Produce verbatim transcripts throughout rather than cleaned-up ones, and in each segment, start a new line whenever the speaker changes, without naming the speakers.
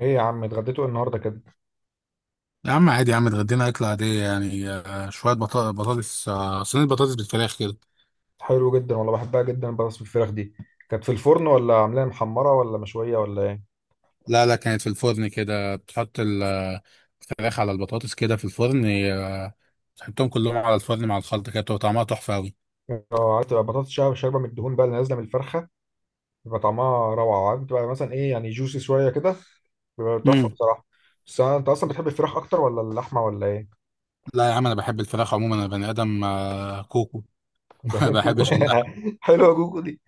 ايه يا عم، اتغديتوا إيه النهارده كده؟
يا عم عادي، يا عم اتغدينا أكلة عادية يعني آه، شوية بطا- بطاطس، آه، صينية بطاطس بالفراخ كده.
حلو جدا والله، بحبها جدا بطاطس بالفراخ دي. كانت في الفرن ولا عاملاها محمره ولا مشويه ولا ايه؟
لا لا، كانت في الفرن كده، بتحط ال- آه، الفراخ على البطاطس كده في الفرن، آه، تحطهم كلهم على الفرن مع الخلطة كده، بتبقى طعمها تحفة أوي.
اه عارف، تبقى بطاطس شا- شاربه من الدهون بقى، اللي نازله من الفرخه. بيبقى طعمها روعه، عارف بتبقى مثلا ايه يعني، جوسي شويه كده. بيبقى تحفه
مم.
بصراحه. بس أنا- انت اصلا بتحب الفراخ اكتر ولا اللحمه ولا ايه؟
لا يا عم، أنا بحب الفراخ عموما، أنا بني آدم آه، كوكو. ما بحبش اللحم.
حلوه جوكو دي.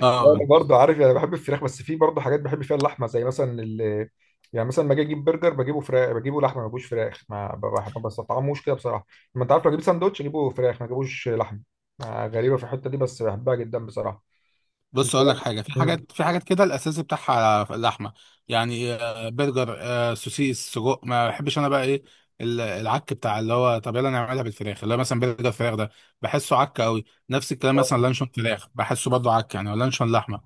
اه.
انا برضه عارف، يعني بحب الفراخ، بس في برضه حاجات بحب فيها اللحمه، زي مثلا ال-، يعني مثلا لما اجي اجيب برجر بجيبه فراخ، بجيبه لحمه ما بجيبوش فراخ ما ب- بح- ما بستطعموش كده بصراحه. ما انت عارف، لو اجيب ساندوتش اجيبه فراخ، ما اجيبوش لحمه. آه، غريبه في الحته دي بس بحبها جدا بصراحه.
بص اقول لك
الفراخ.
حاجه، في
مم.
حاجات، في حاجات كده الاساسي بتاعها اللحمه، يعني آه، برجر، آه، سوسيس، سجق، ما بحبش انا بقى ايه ال- العك بتاع اللي هو، طب يلا نعملها بالفراخ اللي هو مثلا برجر فراخ ده، بحسه عك قوي. نفس الكلام مثلا لانشون فراخ، بحسه برضه عك، يعني ولا لانشون لحمه.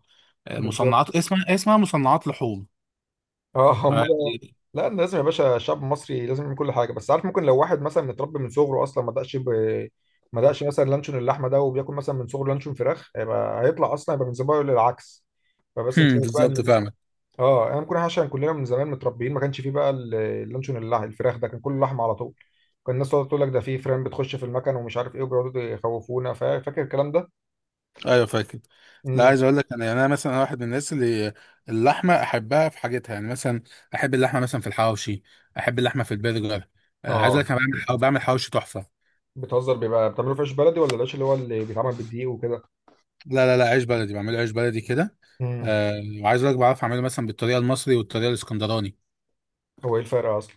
آه،
بالظبط.
مصنعات، اسمها اسمها مصنعات لحوم.
اه
ف
هم. لا، لازم يا باشا، الشعب المصري لازم يعمل كل حاجه. بس عارف، ممكن لو واحد مثلا متربي من صغره اصلا ما دقش ب... ما دقش مثلا لانشون اللحمه ده، وبياكل مثلا من صغره لانشون فراخ، هيبقى هيطلع اصلا يبقى من زمان للعكس. فبس نشوف بقى ان
بالظبط،
ال-.
فاهمك.
اه انا ممكن عشان كلنا من زمان متربيين، ما كانش فيه بقى ال-، اللانشون اللح... الفراخ ده، كان كله لحمه على طول. كان الناس تقعد تقول لك ده فيه فران بتخش في المكن ومش عارف ايه، وبيقعدوا يخوفونا، فا- فاكر الكلام ده؟
ايوه فاكر. لا
امم.
عايز اقول لك، انا يعني انا مثلا واحد من الناس اللي اللحمه احبها في حاجتها، يعني مثلا احب اللحمه مثلا في الحواوشي، احب اللحمه في البرجر. آه، عايز اقول لك
اه.
انا بعمل بعمل حواوشي تحفه.
بتهزر، بيبقى بتعملوه في عيش بلدي ولا العيش اللي هو اللي بيتعمل بالدقيق وكده؟
لا لا لا، عيش بلدي، بعمله عيش بلدي كده.
امم.
آه، وعايز اقول لك بعرف اعمله مثلا بالطريقه المصري والطريقه الاسكندراني.
هو ايه الفرق اصلا؟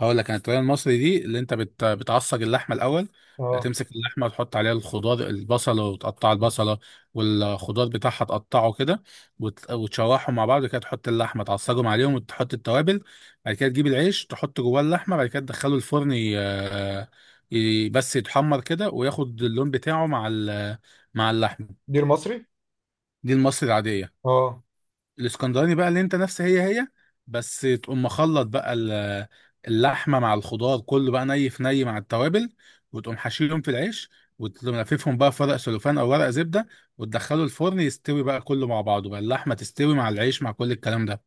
هقول لك انا، الطريقه المصري دي اللي انت بت... بتعصج اللحمه الاول،
اه.
تمسك اللحمه وتحط عليها الخضار البصله، وتقطع البصله والخضار بتاعها، تقطعه كده وت... وتشوحهم مع بعض كده، تحط اللحمه تعصجهم عليهم وتحط التوابل. بعد كده تجيب العيش، تحط جواه اللحمه، بعد كده تدخله الفرن، ي... ي... بس يتحمر كده وياخد اللون بتاعه مع ال... مع اللحمه.
دير مصري.
دي المصري العاديه.
اه.
الاسكندراني بقى، اللي انت نفس هي هي، بس تقوم مخلط بقى ال- اللحمه مع الخضار كله بقى ني في ني مع التوابل، وتقوم حشيهم في العيش، وتقوم لففهم بقى في ورق سلوفان او ورق زبده، وتدخله الفرن يستوي بقى كله مع بعضه بقى، اللحمه تستوي مع العيش مع كل الكلام ده.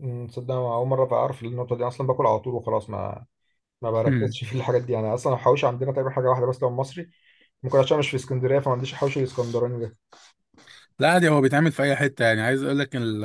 أمم، تصدق أنا اول مره اعرف النقطه دي اصلا، باكل على طول وخلاص، ما ما بركزش في الحاجات دي. يعني اصلا الحواوشي عندنا تقريبا حاجه واحده بس، لو مصري ممكن، عشان مش في اسكندريه فما عنديش الحوش الاسكندراني ده.
لا عادي، هو بيتعمل في اي حته. يعني عايز اقول لك ال-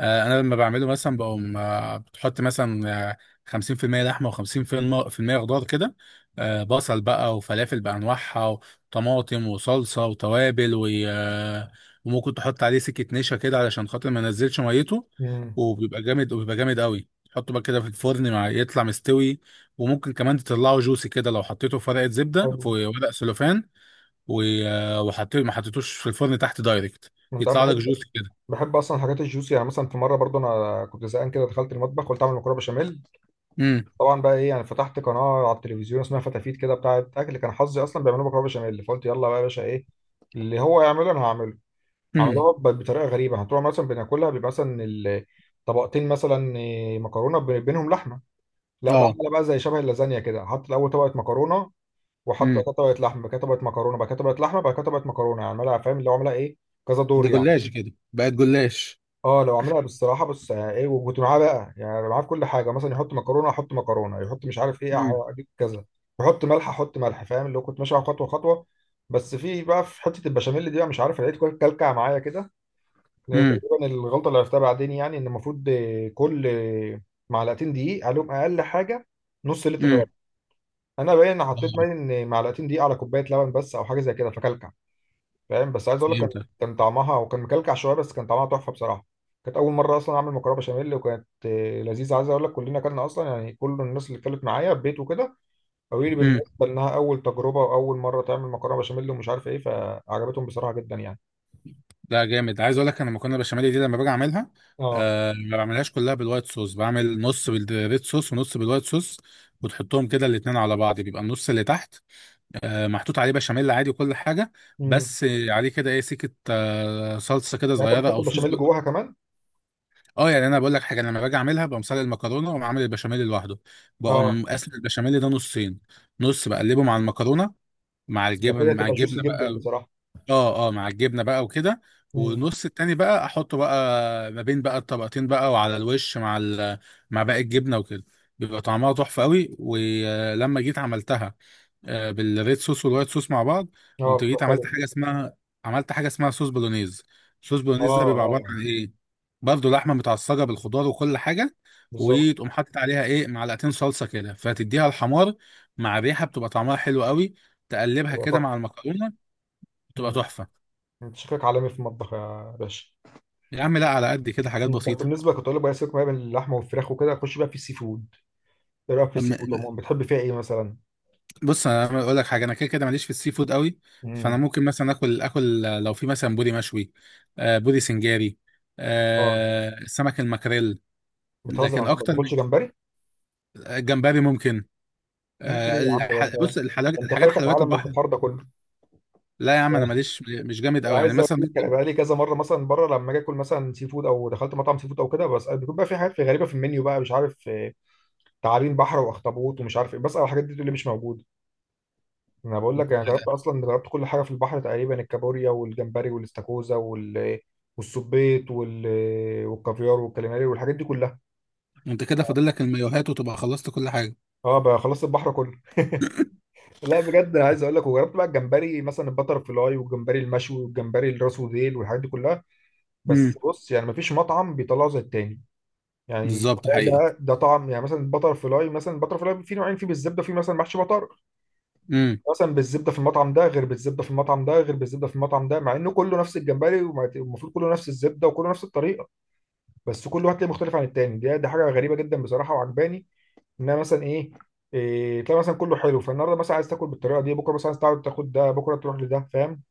آه، انا لما بعمله مثلا بقوم، آه، بتحط مثلا آه، خمسين في المية لحمه و50% خضار كده، آه، بصل بقى، وفلافل بانواعها، وطماطم، وصلصه، وتوابل، و- آه، وممكن تحط عليه سكه نشا كده علشان خاطر ما ينزلش ميته.
امم.
وبيبقى جامد، وبيبقى جامد قوي، تحطه بقى كده في الفرن مع يطلع مستوي. وممكن كمان تطلعه جوسي كده لو حطيته في ورقه زبده في
حلو.
ورق سلوفان، و- وحطيت، ما حطيتوش في الفرن تحت دايركت،
انت عارف،
يطلع لك جوس
بحب،
كده.
بحب اصلا الحاجات الجوسي. يعني مثلا في مره برضو انا كنت زهقان كده، دخلت المطبخ قلت اعمل مكرونه بشاميل.
امم.
طبعا بقى ايه يعني، فتحت قناه على التلفزيون اسمها فتافيت كده بتاعه اكل، كان حظي اصلا بيعملوا مكرونه بشاميل، فقلت يلا بقى يا باشا، ايه اللي هو يعمله انا هعمله.
امم.
عملوها ب- بطريقه غريبه. هتروح مثلا بناكلها بيبقى مثلا ال-، طبقتين مثلا إيه، مكرونه ب- بينهم لحمه. لا، ده
اه.
عملها بقى زي شبه اللازانيا كده، حط الاول طبقه مكرونه، وحط
امم.
وقتها طبقه لحمه، بعد كده طبقه مكرونه، بعد كده طبقه لحمه، بعد كده طبقه مكرونه. يعني عملها، فاهم اللي هو عملها ايه، كذا دور
ده
يعني.
جلاش كده، بقت جلاش.
اه، لو عملها بالصراحه بس، آه، ايه، وكنت معاه بقى، يعني معاه في كل حاجه. مثلا يحط مكرونه احط مكرونه، يحط مش عارف ايه
امم.
أح- اجيب كذا، يحط ملح احط ملح. فاهم اللي هو كنت ماشي على خطوه خطوه. بس في بقى، في حته البشاميل دي بقى مش عارف، لقيت كل- كلكع معايا كده. لان
امم.
تقريبا الغلطه اللي عرفتها بعدين، يعني ان المفروض آه، كل آه، معلقتين دقيق عليهم اقل حاجه، نص لتر لبن.
امم.
انا باين ان حطيت، باين ان معلقتين دقيق على كوبايه لبن بس، او حاجه زي كده، فكلكع. فاهم، بس عايز اقول لك كان،
فهمتك.
كان طعمها، وكان مكلكع شويه، بس كان طعمها تحفه بصراحه. كانت اول مره اصلا اعمل مكرونه بشاميل، وكانت آه، لذيذه. عايز اقول لك كلنا اكلنا اصلا، يعني كل الناس اللي اتكلمت معايا في بيت وكده قالوا لي
امم.
بالنسبه انها اول تجربه واول مره تعمل مكرونه بشاميل ومش عارف ايه، فعجبتهم بصراحه جدا يعني.
لا جامد، عايز اقول لك انا مكرونه بشاميل دي لما باجي اعملها،
اه.
آه ما بعملهاش كلها بالوايت صوص، بعمل نص بالريد صوص ونص بالوايت صوص. وتحطهم كده الاتنين على بعض، بيبقى النص اللي تحت آه محطوط عليه بشاميل عادي وكل حاجه،
امم.
بس عليه كده ايه سكه آه صلصه كده
يعني انت
صغيره
بتحط
او صوص.
البشاميل جواها كمان.
اه يعني انا بقول لك حاجه، انا لما باجي اعملها بقوم سلق المكرونه واقوم عامل البشاميل لوحده،
اه.
بقوم قاسم البشاميل ده نصين. نص بقلبه مع المكرونه، مع
ده كده
الجبن، مع
تبقى جوسي
الجبنه
جدا
بقى.
بصراحة.
اه اه، مع الجبنه بقى وكده.
مم.
والنص التاني بقى احطه بقى ما بين بقى الطبقتين بقى، وعلى الوش مع ال... مع باقي الجبنه وكده. بيبقى طعمها تحفه قوي. ولما جيت عملتها آه، بالريد صوص والوايت صوص مع بعض،
اه
قمت جيت
بتبقى
عملت
حلو.
حاجه اسمها، عملت حاجه اسمها صوص بولونيز. صوص
اه
بولونيز ده بيبقى عباره
اه.
عن ايه، برضه لحمه متعصجه بالخضار وكل حاجه،
بالظبط.
وتقوم حاطط عليها ايه معلقتين صلصه كده فتديها الحمار مع ريحه، بتبقى طعمها حلو قوي. تقلبها
بتبقى
كده
تحفة.
مع المكرونه، بتبقى
مم.
تحفه.
انت شكلك عالمي في المطبخ يا باشا.
يا عم لا، على قد كده، حاجات
مم. طب
بسيطه.
بالنسبة، كنت اقول لك بقى، سيبك بقى من اللحمة والفراخ وكده، خش بقى في السي فود. ايه رأيك في السي فود عموما، بتحب فيها ايه مثلا؟
بص انا اقول لك حاجه، انا كده كده ماليش في السي فود قوي. فانا
مم.
ممكن مثلا اكل اكل لو في مثلا بودي مشوي، آه، بودي سنجاري،
اه.
آه، سمك المكريل.
بتهزر،
لكن
ما
اكتر من،
بتاكلش جمبري؟
جمبري ممكن.
ممكن
آه،
ايه يا عم، ده انت
الح... بص
ده،
الحاجات،
انت
الحاجات
فايتك
حلويات
عالم
البحر.
البحار ده كله.
لا يا عم انا ماليش، مش جامد قوي، يعني
عايز اقول
مثلا
لك انا
ممكن.
بقى لي كذا مره مثلا بره، لما اجي اكل مثلا سي فود، او دخلت مطعم سي فود او كده، بس بيكون بقى في حاجات في غريبه في المنيو بقى مش عارف، تعابين بحر واخطبوط ومش عارف ايه، بسأل على الحاجات دي تقول لي مش موجوده. انا بقول لك، انا
آه،
جربت اصلا، جربت كل حاجه في البحر تقريبا، الكابوريا والجمبري والاستاكوزا وال-، والسبيط وال...، والكافيار والكاليماري، والحاجات دي كلها.
انت كده فاضل لك المايوهات، وتبقى خلصت كل حاجه.
اه بقى، خلصت البحر كله. لا بجد، انا عايز اقول لك، وجربت بقى الجمبري مثلا، البتر فلاي والجمبري المشوي والجمبري الراس وديل والحاجات دي كلها.
امم.
بس بص، يعني مفيش مطعم بيطلعه زي التاني. يعني
بالظبط،
ده
حقيقي.
ده ده طعم. يعني مثلا البتر فلاي، مثلا البتر فلاي في نوعين، في بالزبده، وفي مثلا محشي بطار.
امم.
مثلا بالزبده في المطعم ده غير بالزبده في المطعم ده غير بالزبده في المطعم ده، مع انه كله نفس الجمبري ومع- والمفروض كله نفس الزبده وكله نفس الطريقه. بس كل واحد تلاقيه مختلف عن التاني. دي دي حاجه غريبه جدا بصراحه وعجباني، انها مثلا ايه. إيه، تلاقي مثلا كله حلو، فالنهارده مثلا عايز تاكل بالطريقه دي، بكره مثلا عايز تقعد تاخد ده، بكره تروح لده، فاهم،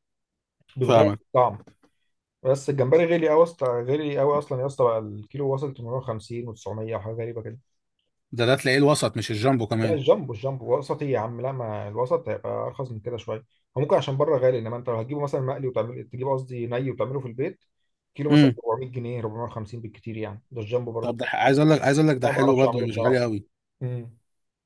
بتغير
فاهمك.
الطعم. بس الجمبري غالي قوي يا اسطى، غالي قوي اصلا يا اسطى. بقى الكيلو وصل تمنمية و900 وحاجه غريبه كده.
ده ده تلاقيه الوسط مش الجامبو
لا
كمان.
الجامبو، الجامبو وسطي يا عم. لا، ما الوسط هيبقى ارخص من كده شويه. هو ممكن عشان بره غالي، انما انت لو هتجيبه مثلا مقلي وتعمل، تجيبه قصدي ني وتعمله في البيت، كيلو مثلا
امم.
اربعمية جنيه، اربعمية وخمسين بالكتير يعني، ده الجامبو برضه.
طب ده ح- عايز اقول لك، عايز اقول لك ده
انا ما
حلو
بعرفش
برضه
اعمله
مش غالي
بصراحه.
قوي.
امم.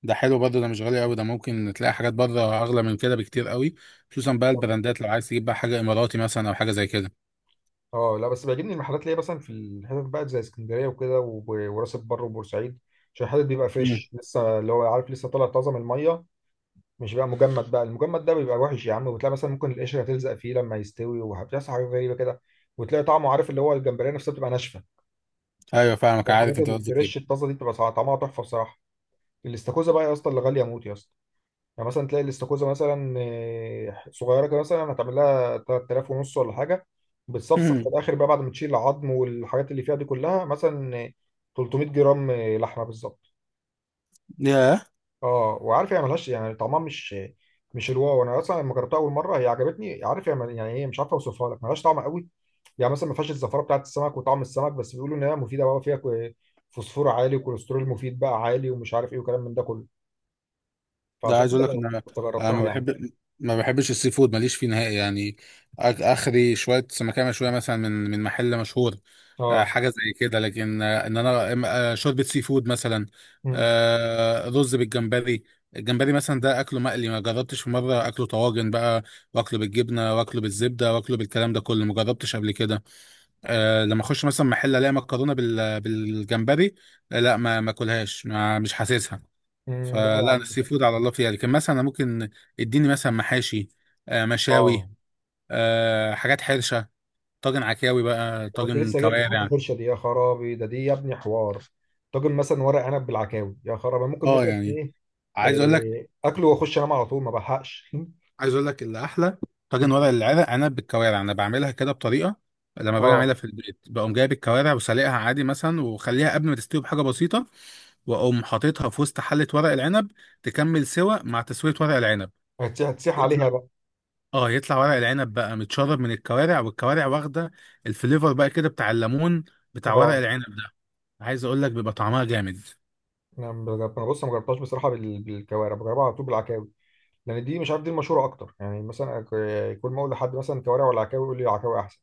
ده حلو برضه، ده مش غالي قوي، ده ممكن تلاقي حاجات بره اغلى من كده بكتير قوي. خصوصا بقى
بالظبط.
البراندات، لو عايز تجيب بقى حاجه اماراتي مثلا او حاجه زي كده.
اه لا، بس بيعجبني المحلات اللي هي مثلا في الحتت بقى، زي اسكندريه وكده وب- وراس البر وبورسعيد، عشان الحتت بيبقى
امم.
فريش لسه، اللي هو عارف لسه طالع طازه من الميه، مش بقى مجمد. بقى المجمد ده بيبقى وحش يا عم، وبتلاقي مثلا ممكن القشره تلزق فيه لما يستوي، وبتحصل حاجات غريبه كده، وتلاقي طعمه عارف، اللي هو الجمبريه نفسها بتبقى ناشفه.
ايوه فاهمك، عارف
الحاجات
انت قصدك ايه.
الفريش الطازه دي بتبقى طعمها تحفه بصراحه. الاستاكوزا بقى يا اسطى، اللي غاليه موت يا اسطى. يعني مثلا تلاقي الاستاكوزا مثلا آه، صغيره كده، مثلا هتعمل لها ثلاثة آلاف ونص ولا حاجه. بتصفصف في
امم.
الاخر بقى، بعد ما تشيل العظم والحاجات اللي فيها دي كلها، مثلا آه، تلتمية جرام آه، لحمه بالظبط.
ياه.
اه. وعارف هي ملهاش يعني، طعمها مش، مش الواو. انا اصلا لما جربتها اول مره هي عجبتني، عارف، هي مل- يعني ايه، مش عارف اوصفها لك، ملهاش طعم قوي. يعني مثلا ما فيهاش الزفاره بتاعت السمك وطعم السمك، بس بيقولوا ان هي مفيده بقى، فيها كو- فوسفور عالي، وكوليسترول مفيد بقى عالي، ومش عارف ايه وكلام من ده كله،
ده
فعشان
عايز اقول
كده
لك ان
جر-
انا،
كنت
أنا
جربتها
ما
يعني.
بحب ما بحبش السي فود، ماليش فيه نهائي يعني. آك- اخري شويه سمكيه مشويه مثلا من من محل مشهور، آه،
اه.
حاجه زي كده. لكن آه، ان انا إم- آه، شوربه سي فود مثلا،
امم.
آه، رز بالجمبري. الجمبري مثلا ده اكله مقلي، ما جربتش في مره اكله طواجن بقى، واكله بالجبنه، واكله بالزبده، واكله بالكلام ده كله، ما جربتش قبل كده. أه لما اخش مثلا محل الاقي مكرونه بال- بالجمبري، آه، لا ما ما اكلهاش، ما مش حاسسها.
امم. لا
فلا
يا
انا
عم.
السي فود على الله فيها يعني، كان مثلا أنا ممكن اديني مثلا محاشي، آه، مشاوي،
اه.
آه، حاجات حرشه، طاجن عكاوي بقى،
كنت
طاجن
لسه جاي في حته
كوارع.
الحرشه دي، يا خرابي، ده دي يا ابني حوار! طاجن مثلا ورق عنب بالعكاوي، يا خرابي! ممكن
اه.
مثلا
يعني
ايه،
عايز اقول لك،
إيه، اكله واخش انام على طول، ما بلحقش.
عايز اقول لك اللي احلى طاجن ورق العنب، عنب بالكوارع، انا بعملها كده بطريقه. لما باجي اعملها
اه.
في البيت بقوم جايب الكوارع وسلقها عادي مثلا، واخليها قبل ما تستوي بحاجه بسيطه، واقوم حاططها في وسط حله ورق العنب، تكمل سوا مع تسويه ورق العنب.
هتسيح هتسيح عليها بقى.
اه يطلع ورق العنب بقى متشرب من الكوارع، والكوارع واخده الفليفر بقى كده بتاع الليمون، بتاع ورق
اه.
العنب ده. عايز اقول لك بيبقى طعمها جامد.
انا بجرب- انا بص، ما جربتهاش بصراحه بال- بالكوارع، بجربها على طول بالعكاوي، لان دي مش عارف، دي المشهوره اكتر. يعني مثلا أك- كل ما اقول لحد مثلا كوارع ولا عكاوي، يقول لي عكاوي احسن.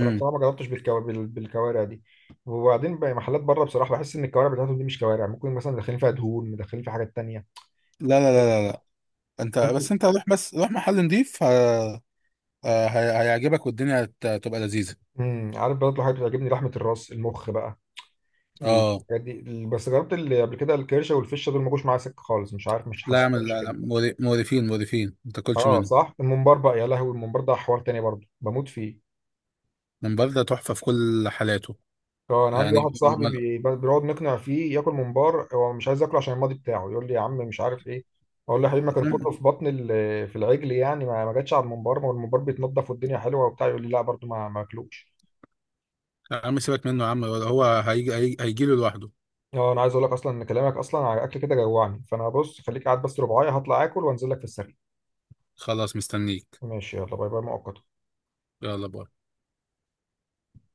فانا بصراحه ما جربتش بالكو... بال- بالكوارع دي. وبعدين بقى، محلات بره بصراحه بحس ان الكوارع بتاعتهم دي مش كوارع، ممكن مثلا مدخلين فيها دهون، مدخلين فيها حاجات تانيه.
لا لا لا لا لا، انت بس،
ممكن.
انت روح بس روح محل نضيف، ه... آه، ه... هيعجبك، والدنيا هت- هتبقى لذيذة.
امم. عارف، برضه حاجات بتعجبني، لحمه الراس، المخ بقى،
اه.
الحاجات دي. بس جربت اللي قبل كده الكرشه والفشه، دول ما جوش معايا سكه خالص، مش عارف، مش
لا
حاسس.
اعمل لا لا، مور- مقرفين مقرفين، ما تاكلش
اه
منه.
صح، الممبار بقى، يا لهوي، الممبار ده حوار تاني برضه، بموت فيه.
من برده تحفة في كل حالاته.
اه، انا عندي
يعني
واحد صاحبي
م-
بي- بيقعد نقنع فيه ياكل ممبار، هو مش عايز ياكله عشان الماضي بتاعه، يقول لي يا عم مش عارف ايه. اقول له يا حبيبي، ما كان
م-
كله في بطن ال-، في العجل يعني، ما ما جاتش على الممبار، ما هو الممبار بيتنضف والدنيا حلوه وبتاع. يقول لي لا برضه ما ما اكلوش.
يا عم سيبك منه يا عم، هو هيجي، هيجي له لوحده.
اه، انا عايز اقول لك اصلا ان كلامك اصلا على الاكل كده جوعني. فانا بص، خليك قاعد بس ربعايه، هطلع اكل وانزل لك في السريع.
خلاص، مستنيك.
ماشي، يلا باي باي مؤقتا.
يلا باي.